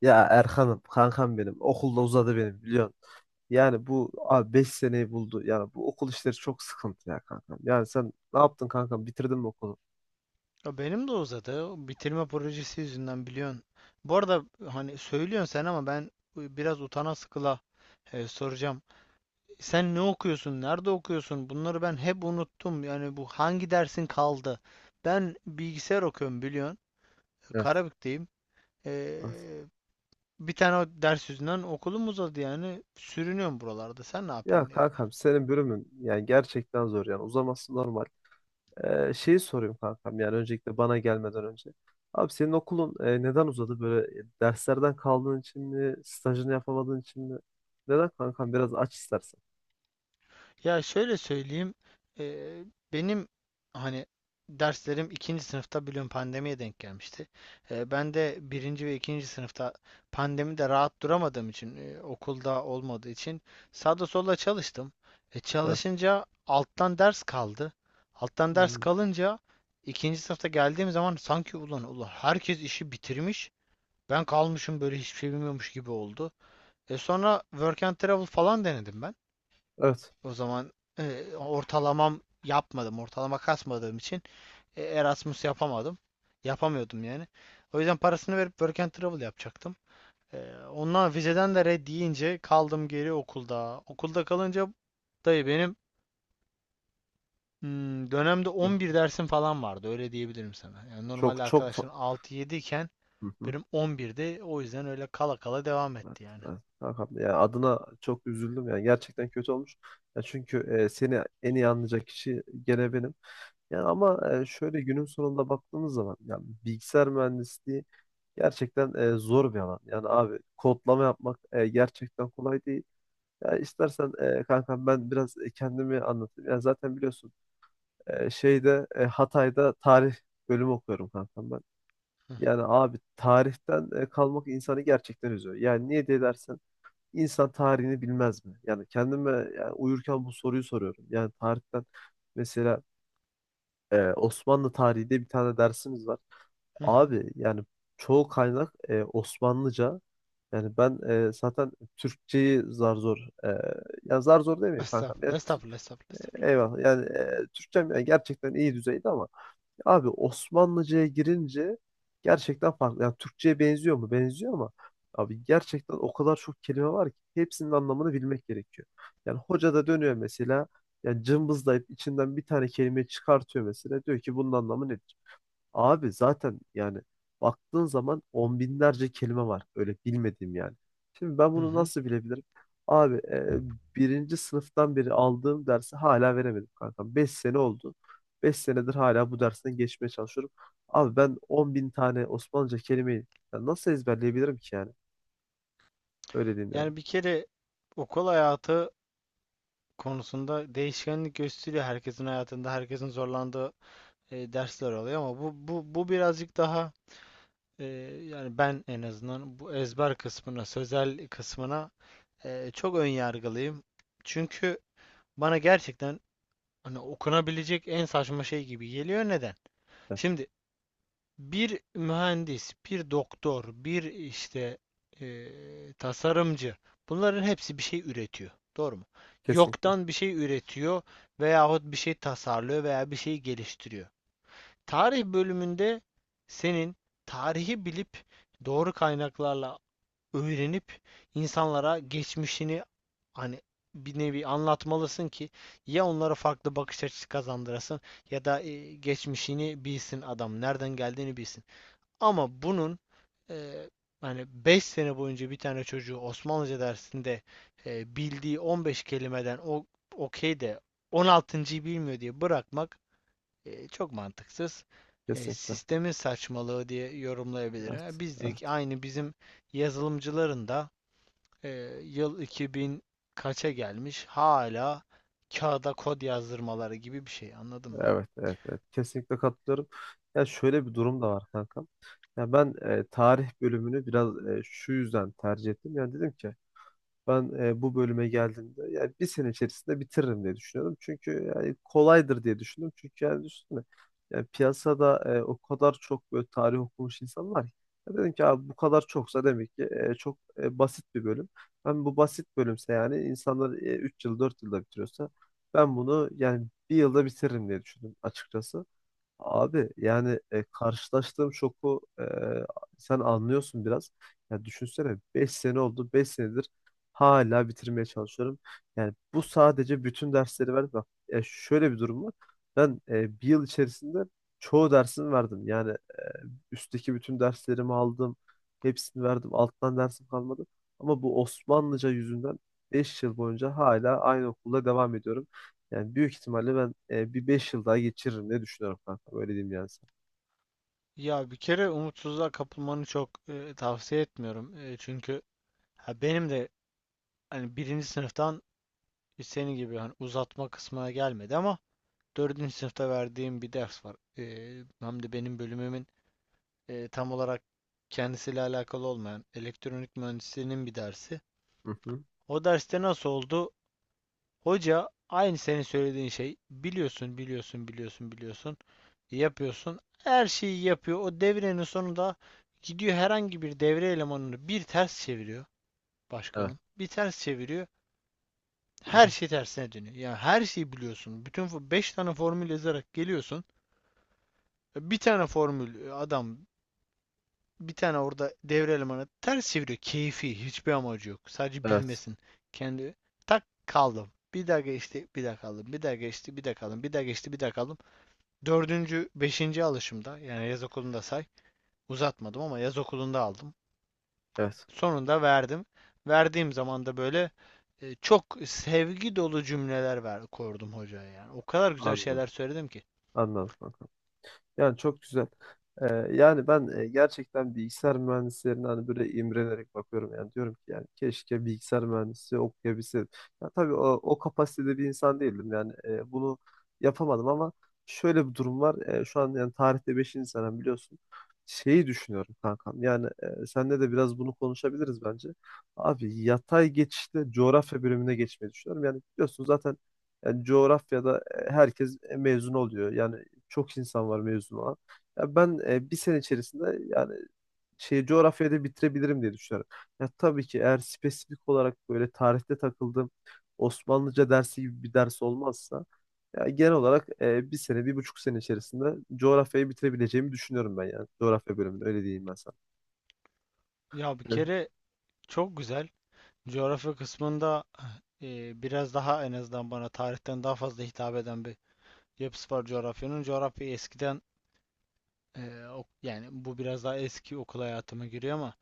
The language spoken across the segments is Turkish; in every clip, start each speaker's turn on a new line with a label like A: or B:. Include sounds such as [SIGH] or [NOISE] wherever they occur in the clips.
A: Ya Erkan'ım, kankam benim. Okulda uzadı benim biliyorsun. Yani bu abi 5 seneyi buldu. Yani bu okul işleri çok sıkıntı ya kankam. Yani sen ne yaptın kankam? Bitirdin mi okulu?
B: Ya benim de uzadı. O Bitirme projesi yüzünden biliyorsun. Bu arada hani söylüyorsun sen ama ben biraz utana sıkıla soracağım. Sen ne okuyorsun? Nerede okuyorsun? Bunları ben hep unuttum. Yani bu hangi dersin kaldı? Ben bilgisayar okuyorum biliyorsun.
A: Evet.
B: Karabük'teyim. E,
A: Evet.
B: bir tane o ders yüzünden okulum uzadı yani. Sürünüyorum buralarda. Sen ne
A: Ya
B: yapıyorsun?
A: kankam senin bölümün yani gerçekten zor yani uzaması normal. Şeyi sorayım kankam yani öncelikle bana gelmeden önce. Abi senin okulun neden uzadı? Böyle derslerden kaldığın için mi? Stajını yapamadığın için mi? Neden kankam? Biraz aç istersen.
B: Ya şöyle söyleyeyim. eee, benim hani derslerim ikinci sınıfta biliyorum pandemiye denk gelmişti. Ben de birinci ve ikinci sınıfta pandemide rahat duramadığım için okulda olmadığı için sağda solda çalıştım.
A: Ha.
B: Çalışınca alttan ders kaldı. Alttan ders
A: Yani.
B: kalınca ikinci sınıfta geldiğim zaman sanki ulan herkes işi bitirmiş. Ben kalmışım böyle hiçbir şey bilmiyormuş gibi oldu. E sonra work and travel falan denedim ben.
A: Evet.
B: O zaman ortalamam yapmadım. Ortalama kasmadığım için Erasmus yapamadım. Yapamıyordum yani. O yüzden parasını verip Work and Travel yapacaktım. Ondan vizeden de red deyince kaldım geri okulda. Okulda kalınca dayı benim dönemde 11 dersim falan vardı. Öyle diyebilirim sana. Yani normalde
A: Çok çok fa-
B: arkadaşların altı 7 iken
A: Hı hı.
B: benim on birde, o yüzden öyle kala kala devam
A: Evet,
B: etti yani.
A: evet, Hakan Bey. Yani adına çok üzüldüm yani gerçekten kötü olmuş. Ya çünkü seni en iyi anlayacak kişi gene benim. Yani ama şöyle günün sonunda baktığımız zaman yani bilgisayar mühendisliği gerçekten zor bir alan. Yani abi kodlama yapmak gerçekten kolay değil. Ya istersen kankam ben biraz kendimi anlatayım. Yani zaten biliyorsun şeyde Hatay'da tarih bölümü okuyorum kankam ben. Yani abi tarihten kalmak insanı gerçekten üzüyor. Yani niye diye. İnsan tarihini bilmez mi? Yani kendime yani uyurken bu soruyu soruyorum. Yani tarihten mesela Osmanlı tarihi diye bir tane dersimiz var.
B: Hı hı.
A: Abi yani çoğu kaynak Osmanlıca. Yani ben zaten Türkçeyi zar zor e, ya zar zor demeyeyim kankam.
B: Estağfurullah, estağfurullah, estağfurullah, estağfurullah.
A: Eyvallah yani Türkçem yani gerçekten iyi düzeyde ama abi Osmanlıca'ya girince gerçekten farklı. Yani Türkçe'ye benziyor mu? Benziyor ama abi gerçekten o kadar çok kelime var ki hepsinin anlamını bilmek gerekiyor. Yani hoca da dönüyor mesela yani cımbızlayıp içinden bir tane kelime çıkartıyor mesela. Diyor ki bunun anlamı nedir? Abi zaten yani baktığın zaman on binlerce kelime var. Öyle bilmediğim yani. Şimdi ben
B: Hı
A: bunu
B: hı.
A: nasıl bilebilirim? Abi birinci sınıftan beri aldığım dersi hala veremedim kankam. 5 sene oldu. 5 senedir hala bu dersten geçmeye çalışıyorum. Abi ben 10.000 tane Osmanlıca kelimeyi ya nasıl ezberleyebilirim ki yani? Öyle diyeyim yani.
B: Yani bir kere okul hayatı konusunda değişkenlik gösteriyor herkesin hayatında herkesin zorlandığı dersler oluyor ama bu birazcık daha e, yani ben en azından bu ezber kısmına sözel kısmına çok ön yargılıyım çünkü bana gerçekten hani okunabilecek en saçma şey gibi geliyor neden?
A: Ya,
B: Şimdi bir mühendis, bir doktor, bir işte tasarımcı. Bunların hepsi bir şey üretiyor. Doğru mu?
A: kesinlikle.
B: Yoktan bir şey üretiyor veyahut bir şey tasarlıyor veya bir şey geliştiriyor. Tarih bölümünde senin tarihi bilip doğru kaynaklarla öğrenip insanlara geçmişini hani bir nevi anlatmalısın ki ya onlara farklı bakış açısı kazandırasın ya da geçmişini bilsin adam, nereden geldiğini bilsin. Ama bunun eee hani 5 sene boyunca bir tane çocuğu Osmanlıca dersinde bildiği 15 kelimeden o okey de 16'ıncı.'yı bilmiyor diye bırakmak çok mantıksız.
A: Kesinlikle.
B: Sistemin saçmalığı diye yorumlayabilirim.
A: Evet.
B: Ha, bizdeki
A: Evet.
B: aynı bizim yazılımcıların da yıl 2000 kaça gelmiş hala kağıda kod yazdırmaları gibi bir şey anladın mı?
A: Evet, evet, evet. Kesinlikle katılıyorum. Ya şöyle bir durum da var kankam. Ya ben tarih bölümünü biraz şu yüzden tercih ettim. Yani dedim ki ben bu bölüme geldiğimde yani 1 sene içerisinde bitiririm diye düşünüyorum. Çünkü yani kolaydır diye düşündüm. Çünkü yani düşünsene yani piyasada o kadar çok böyle tarih okumuş insan var ki. Ya dedim ki abi bu kadar çoksa demek ki çok basit bir bölüm. Ben bu basit bölümse yani insanlar 3 yıl 4 yılda bitiriyorsa ben bunu yani 1 yılda bitiririm diye düşündüm açıkçası. Abi yani karşılaştığım şoku sen anlıyorsun biraz. Ya düşünsene 5 sene oldu. Beş senedir hala bitirmeye çalışıyorum. Yani bu sadece bütün dersleri verdim. Bak ya şöyle bir durum var. Ben 1 yıl içerisinde çoğu dersini verdim. Yani üstteki bütün derslerimi aldım. Hepsini verdim. Alttan dersim kalmadı. Ama bu Osmanlıca yüzünden 5 yıl boyunca hala aynı okulda devam ediyorum. Yani büyük ihtimalle ben bir 5 yıl daha geçiririm diye düşünüyorum kanka. Öyle diyeyim yani sana.
B: Ya bir kere umutsuzluğa kapılmanı çok tavsiye etmiyorum. E, çünkü ha, benim de hani birinci sınıftan senin gibi hani uzatma kısmına gelmedi ama dördüncü sınıfta verdiğim bir ders var. Hem de benim bölümümün tam olarak kendisiyle alakalı olmayan elektronik mühendisliğinin bir dersi.
A: Hı hı.
B: O derste nasıl oldu? Hoca aynı senin söylediğin şey biliyorsun. Yapıyorsun. Her şeyi yapıyor. O devrenin sonunda gidiyor herhangi bir devre elemanını bir ters çeviriyor
A: Evet.
B: başkanım. Bir ters çeviriyor. Her şey
A: [CLEARS THROAT]
B: tersine dönüyor. Yani her şeyi biliyorsun. Bütün 5 tane formül yazarak geliyorsun. Bir tane formül adam bir tane orada devre elemanı ters çeviriyor. Keyfi hiçbir amacı yok. Sadece
A: Evet.
B: bilmesin. Kendi tak kaldım. Bir daha geçti, bir daha kaldım. Bir daha geçti, bir daha kaldım. Bir daha geçti, bir daha kaldım. Dördüncü, beşinci alışımda yani yaz okulunda say uzatmadım ama yaz okulunda aldım.
A: Evet.
B: Sonunda verdim. Verdiğim zaman da böyle çok sevgi dolu cümleler ver, kordum hocaya yani. O kadar güzel
A: Anladım.
B: şeyler söyledim ki.
A: Anladım kanka. Yani çok güzel. Ee, yani ben gerçekten bilgisayar mühendislerine hani böyle imrenerek bakıyorum yani diyorum ki yani keşke bilgisayar mühendisi okuyabilseydim. Ya tabii o kapasitede bir insan değildim yani bunu yapamadım ama şöyle bir durum var. Şu an yani tarihte 5. senem biliyorsun. Şeyi düşünüyorum kankam yani seninle de biraz bunu konuşabiliriz bence. Abi yatay geçişte coğrafya bölümüne geçmeyi düşünüyorum. Yani biliyorsun zaten yani coğrafyada herkes mezun oluyor. Yani çok insan var mezun olan. Ya ben 1 sene içerisinde yani şey coğrafyada bitirebilirim diye düşünüyorum. Ya tabii ki eğer spesifik olarak böyle tarihte takıldığım Osmanlıca dersi gibi bir ders olmazsa ya genel olarak 1 sene, 1,5 sene içerisinde coğrafyayı bitirebileceğimi düşünüyorum ben yani. Coğrafya bölümünü öyle diyeyim ben sana.
B: Ya bir
A: Hı.
B: kere çok güzel. Coğrafya kısmında biraz daha en azından bana tarihten daha fazla hitap eden bir yapısı var coğrafyanın. Coğrafya eskiden yani bu biraz daha eski okul hayatıma giriyor ama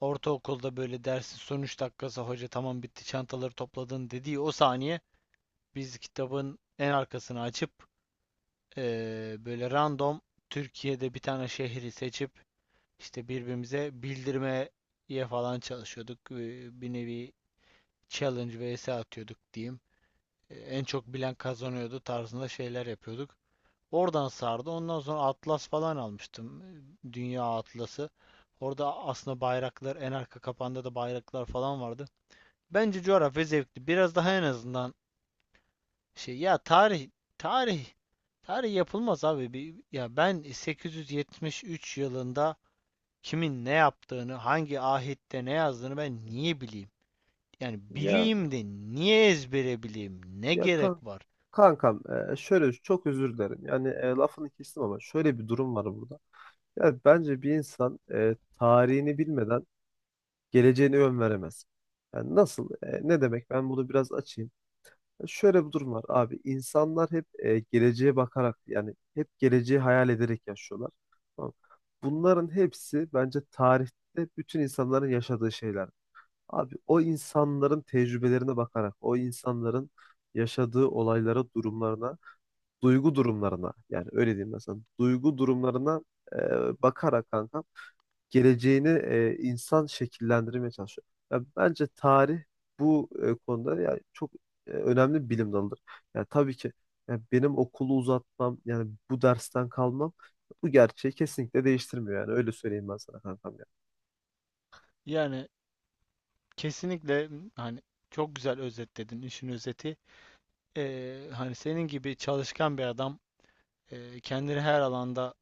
B: ortaokulda böyle dersin son 3 dakikası hoca tamam bitti çantaları topladın dediği o saniye biz kitabın en arkasını açıp böyle random Türkiye'de bir tane şehri seçip işte birbirimize bildirmeye falan çalışıyorduk. Bir nevi challenge vs atıyorduk diyeyim. En çok bilen kazanıyordu tarzında şeyler yapıyorduk. Oradan sardı. Ondan sonra atlas falan almıştım. Dünya atlası. Orada aslında bayraklar en arka kapanda da bayraklar falan vardı. Bence coğrafya zevkli. Biraz daha en azından şey ya tarih tarih yapılmaz abi. Bir, ya ben 873 yılında kimin ne yaptığını, hangi ahette ne yazdığını ben niye bileyim? Yani
A: Ya
B: bileyim de niye ezbere bileyim? Ne
A: ya
B: gerek
A: kan
B: var?
A: kankam şöyle çok özür dilerim. Yani lafını kestim ama şöyle bir durum var burada. Yani bence bir insan tarihini bilmeden geleceğini ön veremez. Yani nasıl? Ne demek? Ben bunu biraz açayım. Ya şöyle bir durum var abi. İnsanlar hep geleceğe bakarak yani hep geleceği hayal ederek yaşıyorlar. Tamam. Bunların hepsi bence tarihte bütün insanların yaşadığı şeyler. Abi o insanların tecrübelerine bakarak, o insanların yaşadığı olaylara, durumlarına, duygu durumlarına yani öyle diyeyim mesela duygu durumlarına bakarak kanka geleceğini insan şekillendirmeye çalışıyor. Ya bence tarih bu konuda ya çok önemli bir bilim dalıdır. Yani tabii ki ya benim okulu uzatmam yani bu dersten kalmam bu gerçeği kesinlikle değiştirmiyor yani öyle söyleyeyim ben sana kankam ya.
B: Yani kesinlikle hani çok güzel özetledin işin özeti. Hani senin gibi çalışkan bir adam, kendini her alanda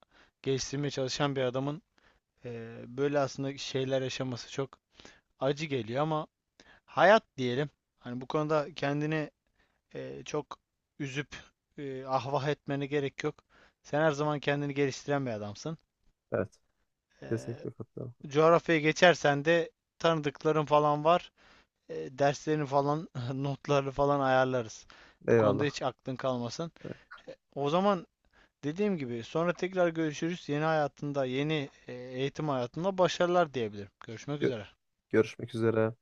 B: geliştirmeye çalışan bir adamın böyle aslında şeyler yaşaması çok acı geliyor ama hayat diyelim. Hani bu konuda kendini çok üzüp ahvah etmene gerek yok. Sen her zaman kendini geliştiren bir adamsın.
A: Evet,
B: E,
A: kesinlikle katılıyorum.
B: coğrafyaya geçersen de tanıdıkların falan var. E, derslerini falan, [LAUGHS] notları falan ayarlarız. Bu konuda
A: Eyvallah.
B: hiç aklın kalmasın.
A: Evet,
B: O zaman dediğim gibi sonra tekrar görüşürüz. Yeni hayatında, yeni eğitim hayatında başarılar diyebilirim. Görüşmek
A: gö-
B: üzere.
A: görüşmek üzere.